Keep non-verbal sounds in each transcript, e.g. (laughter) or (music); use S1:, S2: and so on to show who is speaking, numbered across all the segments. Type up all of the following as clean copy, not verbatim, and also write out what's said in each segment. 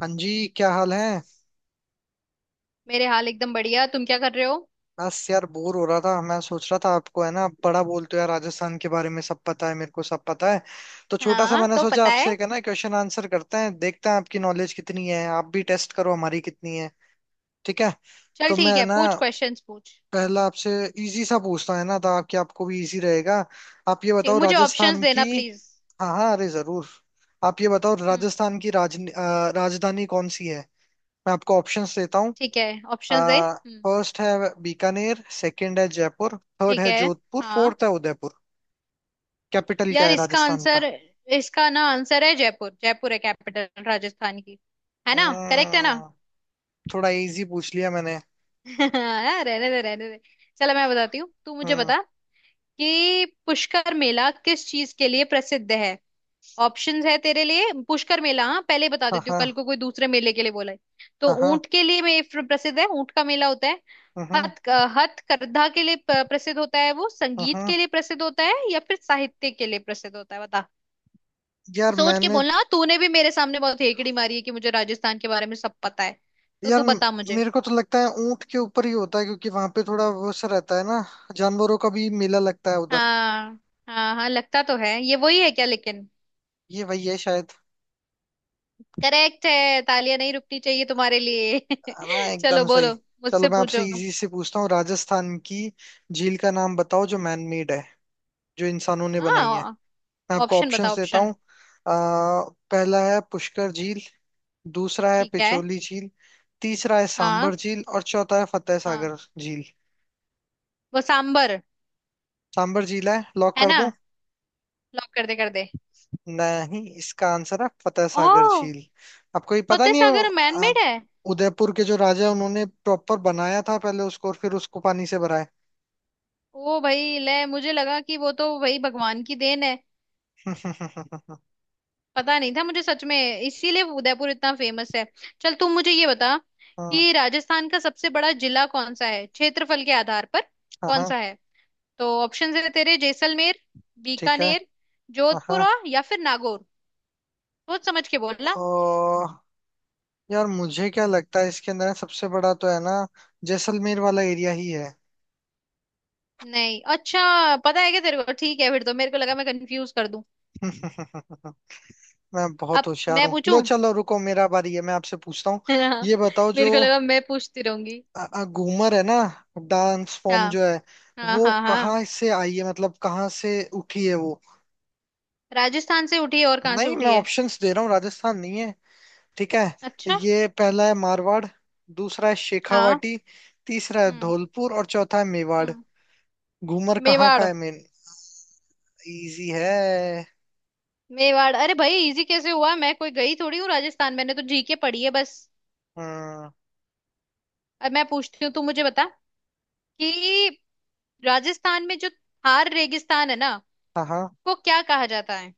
S1: हाँ जी, क्या हाल है।
S2: मेरे हाल एकदम बढ़िया। तुम क्या कर रहे हो?
S1: बस यार, बोर हो रहा था। मैं सोच रहा था आपको, है ना, आप बड़ा बोलते हो यार, राजस्थान के बारे में सब पता है, मेरे को सब पता है। तो छोटा सा
S2: हाँ,
S1: मैंने
S2: तो
S1: सोचा
S2: पता है।
S1: आपसे एक, है ना, क्वेश्चन आंसर करते हैं, देखते हैं आपकी नॉलेज कितनी है, आप भी टेस्ट करो हमारी कितनी है। ठीक है।
S2: चल
S1: तो मैं,
S2: ठीक
S1: है
S2: है,
S1: ना,
S2: पूछ, क्वेश्चंस पूछ।
S1: पहला आपसे इजी सा पूछता हूं, है ना, ताकि आपको भी इजी रहेगा। आप ये
S2: ठीक,
S1: बताओ
S2: मुझे ऑप्शंस
S1: राजस्थान की।
S2: देना प्लीज।
S1: हाँ हाँ, अरे जरूर। आप ये बताओ
S2: हम्म।
S1: राजस्थान की राजधानी कौन सी है। मैं आपको ऑप्शंस देता।
S2: ठीक है, ऑप्शंस दे।
S1: आ,
S2: हम्म,
S1: फर्स्ट है बीकानेर, सेकंड है जयपुर, थर्ड
S2: ठीक
S1: है
S2: है।
S1: जोधपुर,
S2: हाँ,
S1: फोर्थ है उदयपुर। कैपिटल क्या
S2: यार
S1: है
S2: इसका
S1: राजस्थान का।
S2: आंसर, इसका आंसर है जयपुर। जयपुर है कैपिटल राजस्थान की। है ना? करेक्ट है ना?
S1: हम्म। थोड़ा इजी पूछ लिया मैंने।
S2: (laughs) हाँ, रहने दे रहने दे। चलो मैं बताती हूँ, तू मुझे
S1: हम्म।
S2: बता कि पुष्कर मेला किस चीज के लिए प्रसिद्ध है। ऑप्शंस है तेरे लिए, पुष्कर मेला, हाँ, पहले ही बता
S1: हाँ
S2: देती हूँ,
S1: हाँ।
S2: कल को कोई दूसरे मेले के लिए बोला है। तो
S1: हाँ हाँ।
S2: ऊंट के लिए में प्रसिद्ध है, ऊंट का मेला होता है।
S1: हम्म,
S2: हथ हथकरघा के लिए प्रसिद्ध होता है, वो संगीत
S1: हम्म।
S2: के लिए प्रसिद्ध होता है, या फिर साहित्य के लिए प्रसिद्ध होता है, बता।
S1: यार
S2: सोच के
S1: मैंने।
S2: बोलना, तूने भी मेरे सामने बहुत हेकड़ी मारी है कि मुझे राजस्थान के बारे में सब पता है। तो
S1: यार,
S2: तू बता मुझे।
S1: मेरे को तो लगता है ऊंट के ऊपर ही होता है, क्योंकि वहां पे थोड़ा वो सा रहता है ना, जानवरों का भी मेला लगता है उधर।
S2: हाँ हाँ। हाँ, लगता तो है, ये वही है क्या लेकिन।
S1: ये वही है शायद।
S2: करेक्ट है, तालियां नहीं रुकनी चाहिए तुम्हारे लिए।
S1: है ना,
S2: (laughs) चलो
S1: एकदम सही।
S2: बोलो,
S1: चलो,
S2: मुझसे
S1: मैं आपसे
S2: पूछो।
S1: इजी से पूछता हूँ, राजस्थान की झील का नाम बताओ जो मैन मेड है, जो इंसानों ने बनाई है।
S2: हाँ,
S1: मैं आपको
S2: ऑप्शन बताओ,
S1: ऑप्शंस देता
S2: ऑप्शन।
S1: हूँ। पहला है पुष्कर झील, दूसरा है
S2: ठीक है।
S1: पिछोली झील, तीसरा है
S2: हाँ।
S1: सांबर झील और चौथा है फतेह
S2: हाँ,
S1: सागर झील।
S2: वो सांबर।
S1: सांबर झील है, लॉक
S2: है
S1: कर
S2: ना?
S1: दूं।
S2: लॉक कर दे, कर दे।
S1: नहीं, इसका आंसर है फतेह सागर
S2: ओह।
S1: झील। आपको ये पता
S2: फतेह
S1: नहीं है।
S2: सागर
S1: अ,
S2: मैनमेड है?
S1: उदयपुर के जो राजा हैं, उन्होंने प्रॉपर बनाया था पहले उसको और फिर उसको पानी से भरा है।
S2: ओ भाई ले, मुझे लगा कि वो तो भाई भगवान की देन है।
S1: (laughs) हाँ।
S2: पता नहीं था मुझे सच में। इसीलिए वो उदयपुर इतना फेमस है। चल तू मुझे ये बता कि राजस्थान का सबसे बड़ा जिला कौन सा है, क्षेत्रफल के आधार पर
S1: हाँ
S2: कौन
S1: हाँ,
S2: सा है। तो ऑप्शन है तेरे जैसलमेर,
S1: ठीक है।
S2: बीकानेर,
S1: हाँ
S2: जोधपुर,
S1: हाँ,
S2: और या फिर नागौर। सोच समझ के बोलना।
S1: और यार, मुझे क्या लगता है इसके अंदर सबसे बड़ा तो है ना, जैसलमेर वाला एरिया ही है।
S2: नहीं, अच्छा, पता है क्या तेरे को। ठीक है फिर, तो मेरे को लगा मैं कंफ्यूज कर दूं।
S1: (laughs) मैं बहुत
S2: अब
S1: होशियार
S2: मैं
S1: हूँ। लो,
S2: पूछूं।
S1: चलो,
S2: (laughs)
S1: रुको, मेरा बारी है, मैं आपसे पूछता हूँ।
S2: हाँ,
S1: ये बताओ जो
S2: मेरे को लगा मैं पूछती रहूंगी।
S1: घूमर है ना, डांस फॉर्म
S2: हाँ
S1: जो है,
S2: हाँ
S1: वो
S2: हाँ। हाँ,
S1: कहाँ से आई है, मतलब कहाँ से उठी है वो।
S2: राजस्थान से उठी है, और कहाँ से
S1: नहीं, मैं
S2: उठी है?
S1: ऑप्शंस दे रहा हूँ, राजस्थान नहीं है। ठीक है।
S2: अच्छा।
S1: ये, पहला है मारवाड़, दूसरा है
S2: हाँ।
S1: शेखावाटी, तीसरा है
S2: हम्म।
S1: धौलपुर और चौथा है मेवाड़।
S2: हम्म,
S1: घूमर कहाँ का
S2: मेवाड़।
S1: है मेन। इजी है।
S2: मेवाड़। अरे भाई इजी कैसे हुआ, मैं कोई गई थोड़ी हूँ राजस्थान, मैंने तो जीके पढ़ी है बस।
S1: हम्म।
S2: अब मैं पूछती हूँ, तू मुझे बता कि राजस्थान में जो थार रेगिस्तान है ना,
S1: हाँ हाँ।
S2: को क्या कहा जाता है।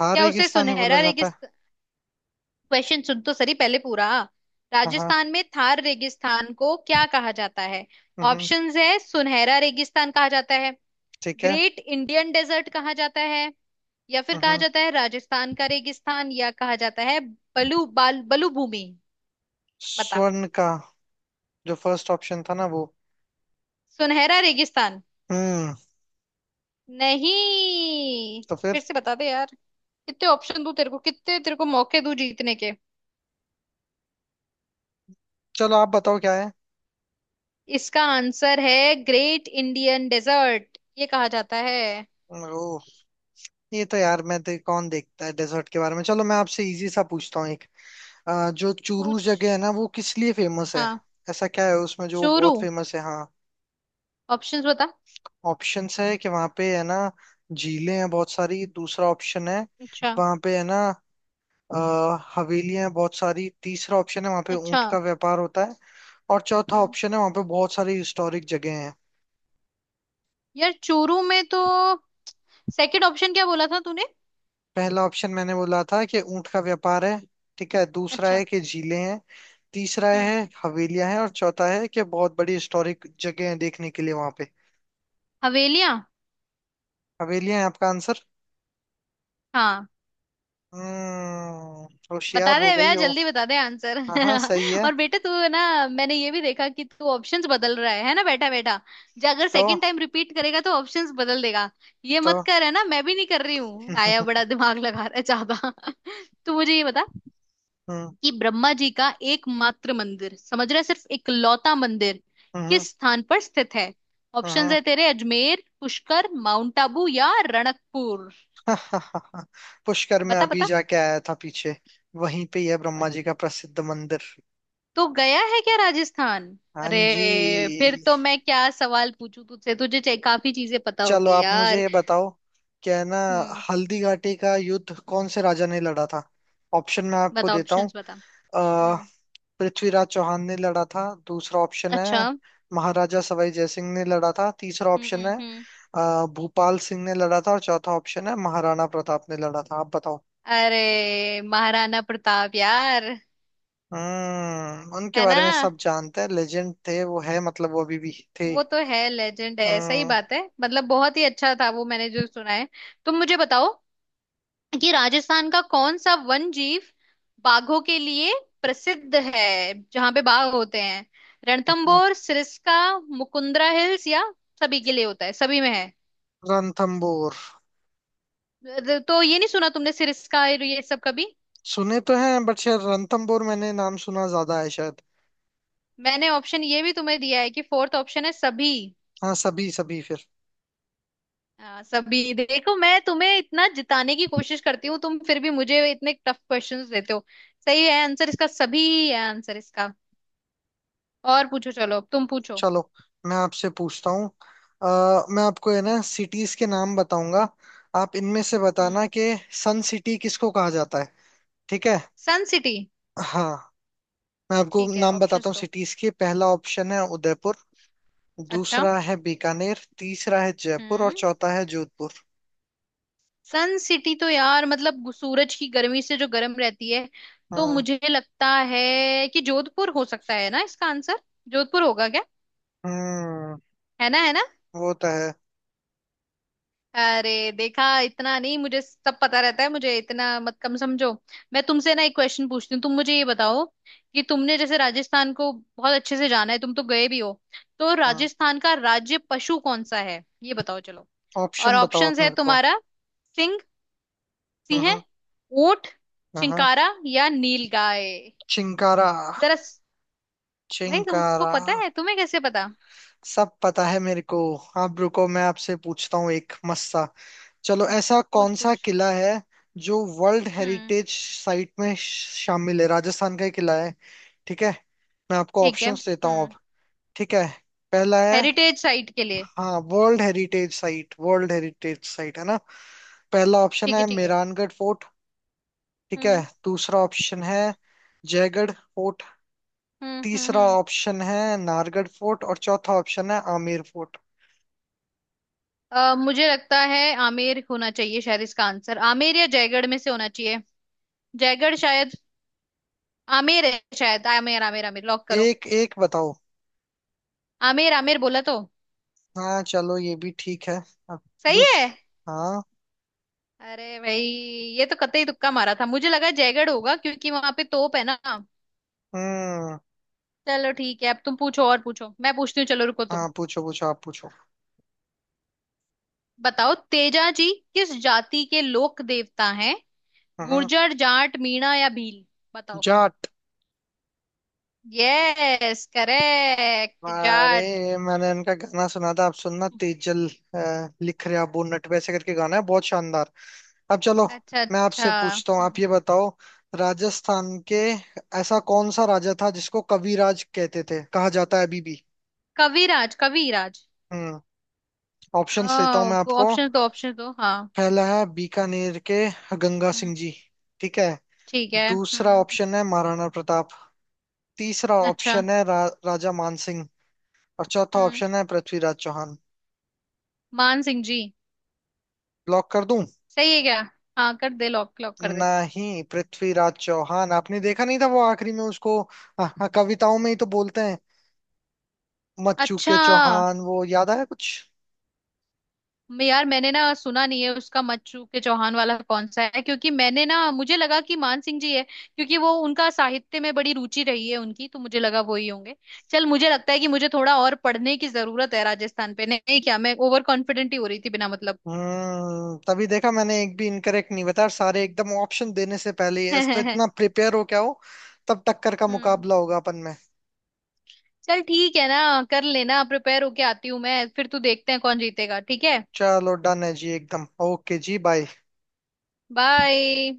S1: हाँ,
S2: क्या उसे
S1: रेगिस्तान ही बोला
S2: सुनहरा
S1: जाता है।
S2: रेगिस्तान? क्वेश्चन सुन तो सही पहले पूरा।
S1: हाँ हाँ।
S2: राजस्थान में थार रेगिस्तान को क्या कहा जाता है?
S1: हम्म,
S2: ऑप्शंस है, सुनहरा रेगिस्तान कहा जाता है,
S1: ठीक है।
S2: ग्रेट इंडियन डेजर्ट कहा जाता है, या फिर कहा
S1: हम्म।
S2: जाता है राजस्थान का रेगिस्तान, या कहा जाता है बलू भूमि, बता।
S1: स्वर्ण का। जो फर्स्ट ऑप्शन था ना वो।
S2: सुनहरा रेगिस्तान?
S1: हम्म।
S2: नहीं।
S1: तो
S2: फिर
S1: फिर।
S2: से बता दे यार, कितने ऑप्शन दूं तेरे को, कितने तेरे को मौके दूं जीतने के।
S1: चलो, आप बताओ क्या है।
S2: इसका आंसर है ग्रेट इंडियन डेजर्ट, ये कहा जाता है।
S1: ओ। ये तो यार, मैं तो कौन देखता है डेजर्ट के बारे में। चलो, मैं आपसे इजी सा पूछता हूँ एक। जो चूरू
S2: पूछ।
S1: जगह है ना, वो किस लिए फेमस है।
S2: हाँ,
S1: ऐसा क्या है उसमें जो
S2: चोरू।
S1: बहुत फेमस है, हाँ।
S2: ऑप्शंस बता।
S1: ऑप्शंस है कि वहाँ पे है ना, झीलें हैं बहुत सारी। दूसरा ऑप्शन है,
S2: अच्छा।
S1: वहाँ पे है ना, अ, हवेलियां हैं बहुत सारी। तीसरा ऑप्शन है, वहाँ पे
S2: अच्छा।
S1: ऊंट का व्यापार होता है। और चौथा
S2: हम्म,
S1: ऑप्शन है, वहाँ पे बहुत सारी हिस्टोरिक जगह।
S2: यार चोरू में तो, सेकंड ऑप्शन क्या बोला था तूने?
S1: पहला ऑप्शन मैंने बोला था कि ऊंट का व्यापार है। ठीक है, दूसरा
S2: अच्छा।
S1: है कि झीलें हैं, तीसरा
S2: हम्म,
S1: है हवेलियां हैं और चौथा है कि बहुत बड़ी हिस्टोरिक जगह है देखने के लिए वहां पे।
S2: हवेलियां।
S1: हवेलियां हैं आपका आंसर।
S2: हाँ।
S1: हम्म। होशियार
S2: बता दे
S1: हो गई
S2: भैया,
S1: हो।
S2: जल्दी बता दे आंसर।
S1: हाँ हाँ, सही
S2: (laughs)
S1: है।
S2: और बेटा, तू है ना, मैंने ये भी देखा कि तू ऑप्शंस बदल रहा है ना बेटा बेटा, जो अगर
S1: तो
S2: सेकंड टाइम रिपीट करेगा तो ऑप्शंस बदल देगा। ये
S1: तो
S2: मत कर, है ना, मैं भी नहीं कर रही
S1: (laughs)
S2: हूँ, आया
S1: हम्म
S2: बड़ा दिमाग लगा रहा है ज्यादा। (laughs) तू मुझे ये बता कि ब्रह्मा जी का एकमात्र मंदिर, समझ रहे, सिर्फ इकलौता मंदिर
S1: हम्म
S2: किस स्थान पर स्थित है। ऑप्शंस
S1: हम्म।
S2: है तेरे, अजमेर, पुष्कर, माउंट आबू, या रणकपुर।
S1: (laughs) पुष्कर में
S2: बता
S1: अभी
S2: बता।
S1: जाके आया था पीछे, वहीं पे ही है ब्रह्मा जी का प्रसिद्ध मंदिर।
S2: तो गया है क्या राजस्थान?
S1: हाँ
S2: अरे,
S1: जी।
S2: फिर तो मैं क्या सवाल पूछूं तुझसे, तुझे काफी चीजें पता
S1: चलो
S2: होगी
S1: आप मुझे
S2: यार।
S1: ये बताओ, क्या है ना,
S2: हम्म।
S1: हल्दी घाटी का युद्ध कौन से राजा ने लड़ा था। ऑप्शन मैं आपको
S2: बता,
S1: देता हूँ।
S2: ऑप्शंस बता।
S1: अ,
S2: हम्म।
S1: पृथ्वीराज चौहान ने लड़ा था, दूसरा ऑप्शन
S2: अच्छा।
S1: है महाराजा सवाई जय सिंह ने लड़ा था, तीसरा ऑप्शन है
S2: हम्म।
S1: भूपाल सिंह ने लड़ा था और चौथा ऑप्शन है महाराणा प्रताप ने लड़ा था। आप बताओ।
S2: अरे महाराणा प्रताप यार,
S1: हम्म, उनके
S2: है
S1: बारे
S2: ना,
S1: में सब जानते हैं, लेजेंड थे वो। है, मतलब वो अभी भी थे।
S2: वो तो है, लेजेंड है, सही
S1: हम्म।
S2: बात है, मतलब बहुत ही अच्छा था वो, मैंने जो सुना है। तुम मुझे बताओ कि राजस्थान का कौन सा वन जीव बाघों के लिए प्रसिद्ध है, जहां पे बाघ होते हैं।
S1: हम्म।
S2: रणथंभौर, सिरस्का, मुकुंदरा हिल्स, या सभी के लिए होता है, सभी में
S1: रणथंबोर।
S2: है तो। ये नहीं सुना तुमने, सिरस्का और ये सब कभी?
S1: सुने तो हैं बट शायद रणथंबोर मैंने नाम सुना ज्यादा है शायद।
S2: मैंने ऑप्शन ये भी तुम्हें दिया है कि फोर्थ ऑप्शन है सभी।
S1: हाँ, सभी सभी फिर।
S2: हाँ, सभी। देखो मैं तुम्हें इतना जिताने की कोशिश करती हूँ, तुम फिर भी मुझे इतने टफ क्वेश्चंस देते हो। सही है, आंसर इसका सभी है, आंसर इसका। और पूछो, चलो अब तुम पूछो।
S1: चलो, मैं आपसे पूछता हूँ। मैं आपको, है ना, सिटीज के नाम बताऊंगा। आप इनमें से बताना
S2: हम्म।
S1: कि सन सिटी किसको कहा जाता है। ठीक है।
S2: सन सिटी?
S1: हाँ। मैं आपको
S2: ठीक है,
S1: नाम बताता
S2: ऑप्शंस
S1: हूँ
S2: दो।
S1: सिटीज के। पहला ऑप्शन है उदयपुर,
S2: अच्छा।
S1: दूसरा है बीकानेर, तीसरा है जयपुर और
S2: हम्म।
S1: चौथा है जोधपुर।
S2: सन सिटी तो यार मतलब सूरज की गर्मी से जो गर्म रहती है, तो
S1: हाँ।
S2: मुझे लगता है कि जोधपुर हो सकता है ना इसका आंसर। जोधपुर होगा क्या?
S1: हम्म।
S2: है ना? है ना?
S1: वो तो है।
S2: अरे देखा, इतना नहीं मुझे, सब पता रहता है मुझे, इतना मत कम समझो। मैं तुमसे ना एक क्वेश्चन पूछती हूँ, तुम मुझे ये बताओ कि तुमने जैसे राजस्थान को बहुत अच्छे से जाना है, तुम तो गए भी हो, तो
S1: हाँ,
S2: राजस्थान का राज्य पशु कौन सा है, ये बताओ चलो। और
S1: ऑप्शन बताओ
S2: ऑप्शंस
S1: आप
S2: है
S1: मेरे को।
S2: तुम्हारा, सिंह, सिंह,
S1: हम्म।
S2: ऊंट,
S1: हाँ हाँ।
S2: चिंकारा, या नील गाय।
S1: चिंकारा।
S2: जरा भाई तुमको
S1: चिंकारा।
S2: पता है? तुम्हें कैसे पता?
S1: सब पता है मेरे को। आप रुको, मैं आपसे पूछता हूँ एक मस्त सा। चलो, ऐसा
S2: पूछ
S1: कौन सा
S2: पूछ।
S1: किला है जो वर्ल्ड
S2: हम्म,
S1: हेरिटेज साइट में शामिल है, राजस्थान का ही किला है। ठीक है। मैं आपको
S2: ठीक है।
S1: ऑप्शंस देता हूँ
S2: हम्म।
S1: अब। ठीक है। पहला है।
S2: हेरिटेज साइट के लिए?
S1: हाँ, world heritage site, world heritage site है ना। पहला ऑप्शन
S2: ठीक है,
S1: है
S2: ठीक है।
S1: मेहरानगढ़ फोर्ट। ठीक है।
S2: हम्म
S1: दूसरा ऑप्शन है जयगढ़ फोर्ट।
S2: हम्म हम्म
S1: तीसरा
S2: हम्म।
S1: ऑप्शन है नाहरगढ़ फोर्ट और चौथा ऑप्शन है आमेर फोर्ट।
S2: अ, मुझे लगता है आमेर होना चाहिए शायद इसका आंसर, आमेर या जयगढ़ में से होना चाहिए। जयगढ़ शायद। आमेर है शायद, आमेर आमेर आमेर, लॉक करो।
S1: एक एक बताओ।
S2: आमेर आमेर बोला तो।
S1: हाँ चलो, ये भी ठीक है। अब।
S2: सही
S1: दूस
S2: है।
S1: हाँ।
S2: अरे भाई, ये तो कतई तुक्का मारा था, मुझे लगा जयगढ़ होगा क्योंकि वहां पे तोप है ना।
S1: हम्म।
S2: चलो ठीक है, अब तुम पूछो और पूछो, मैं पूछती हूँ, चलो रुको तुम।
S1: हाँ, पूछो पूछो, आप पूछो।
S2: बताओ तेजा जी किस जाति के लोक देवता हैं?
S1: हाँ।
S2: गुर्जर, जाट, मीणा, या भील, बताओ।
S1: जाट।
S2: यस, करेक्ट,
S1: अरे,
S2: जाट।
S1: मैंने इनका गाना सुना था, आप सुनना तेजल। लिख रहे अबू नट वैसे करके गाना है, बहुत शानदार। अब चलो,
S2: अच्छा
S1: मैं
S2: अच्छा।
S1: आपसे पूछता हूँ, आप
S2: हम्म,
S1: ये बताओ राजस्थान के, ऐसा कौन सा राजा था जिसको कविराज कहते थे, कहा जाता है अभी भी।
S2: कविराज? कविराज?
S1: हम्म। ऑप्शंस देता हूँ मैं आपको।
S2: ऑप्शन तो, ऑप्शन तो हाँ।
S1: पहला है बीकानेर के गंगा
S2: हम्म,
S1: सिंह जी। ठीक है।
S2: ठीक है।
S1: दूसरा
S2: हम्म।
S1: ऑप्शन है महाराणा प्रताप। तीसरा
S2: अच्छा।
S1: ऑप्शन है राजा मानसिंह और चौथा
S2: हम्म,
S1: ऑप्शन है पृथ्वीराज चौहान।
S2: मान सिंह जी।
S1: ब्लॉक कर दूं।
S2: सही है क्या? हाँ, कर दे, लॉक लॉक कर दे।
S1: नहीं, पृथ्वीराज चौहान आपने देखा नहीं था वो आखिरी में उसको, हाँ, हाँ, कविताओं में ही तो बोलते हैं। मत
S2: अच्छा।
S1: चूके चौहान, वो याद आया कुछ।
S2: मैं यार, मैंने ना सुना नहीं है उसका, मच्छू के चौहान वाला कौन सा है, क्योंकि मैंने ना, मुझे लगा कि मान सिंह जी है, क्योंकि वो उनका साहित्य में बड़ी रुचि रही है उनकी, तो मुझे लगा वो ही होंगे। चल, मुझे लगता है कि मुझे थोड़ा और पढ़ने की जरूरत है राजस्थान पे, नहीं क्या? मैं ओवर कॉन्फिडेंट ही हो रही थी बिना मतलब।
S1: हम्म, तभी देखा मैंने, एक भी इनकरेक्ट नहीं बताया और सारे एकदम ऑप्शन देने से पहले ही, इस तरह
S2: (laughs)
S1: इतना प्रिपेयर हो क्या हो। तब टक्कर का
S2: हम्म,
S1: मुकाबला होगा अपन में।
S2: चल ठीक है ना, कर लेना, प्रिपेयर होके आती हूँ मैं फिर, तू देखते हैं कौन जीतेगा, ठीक है।
S1: चलो, डन है जी, एकदम ओके, जी बाय।
S2: बाय।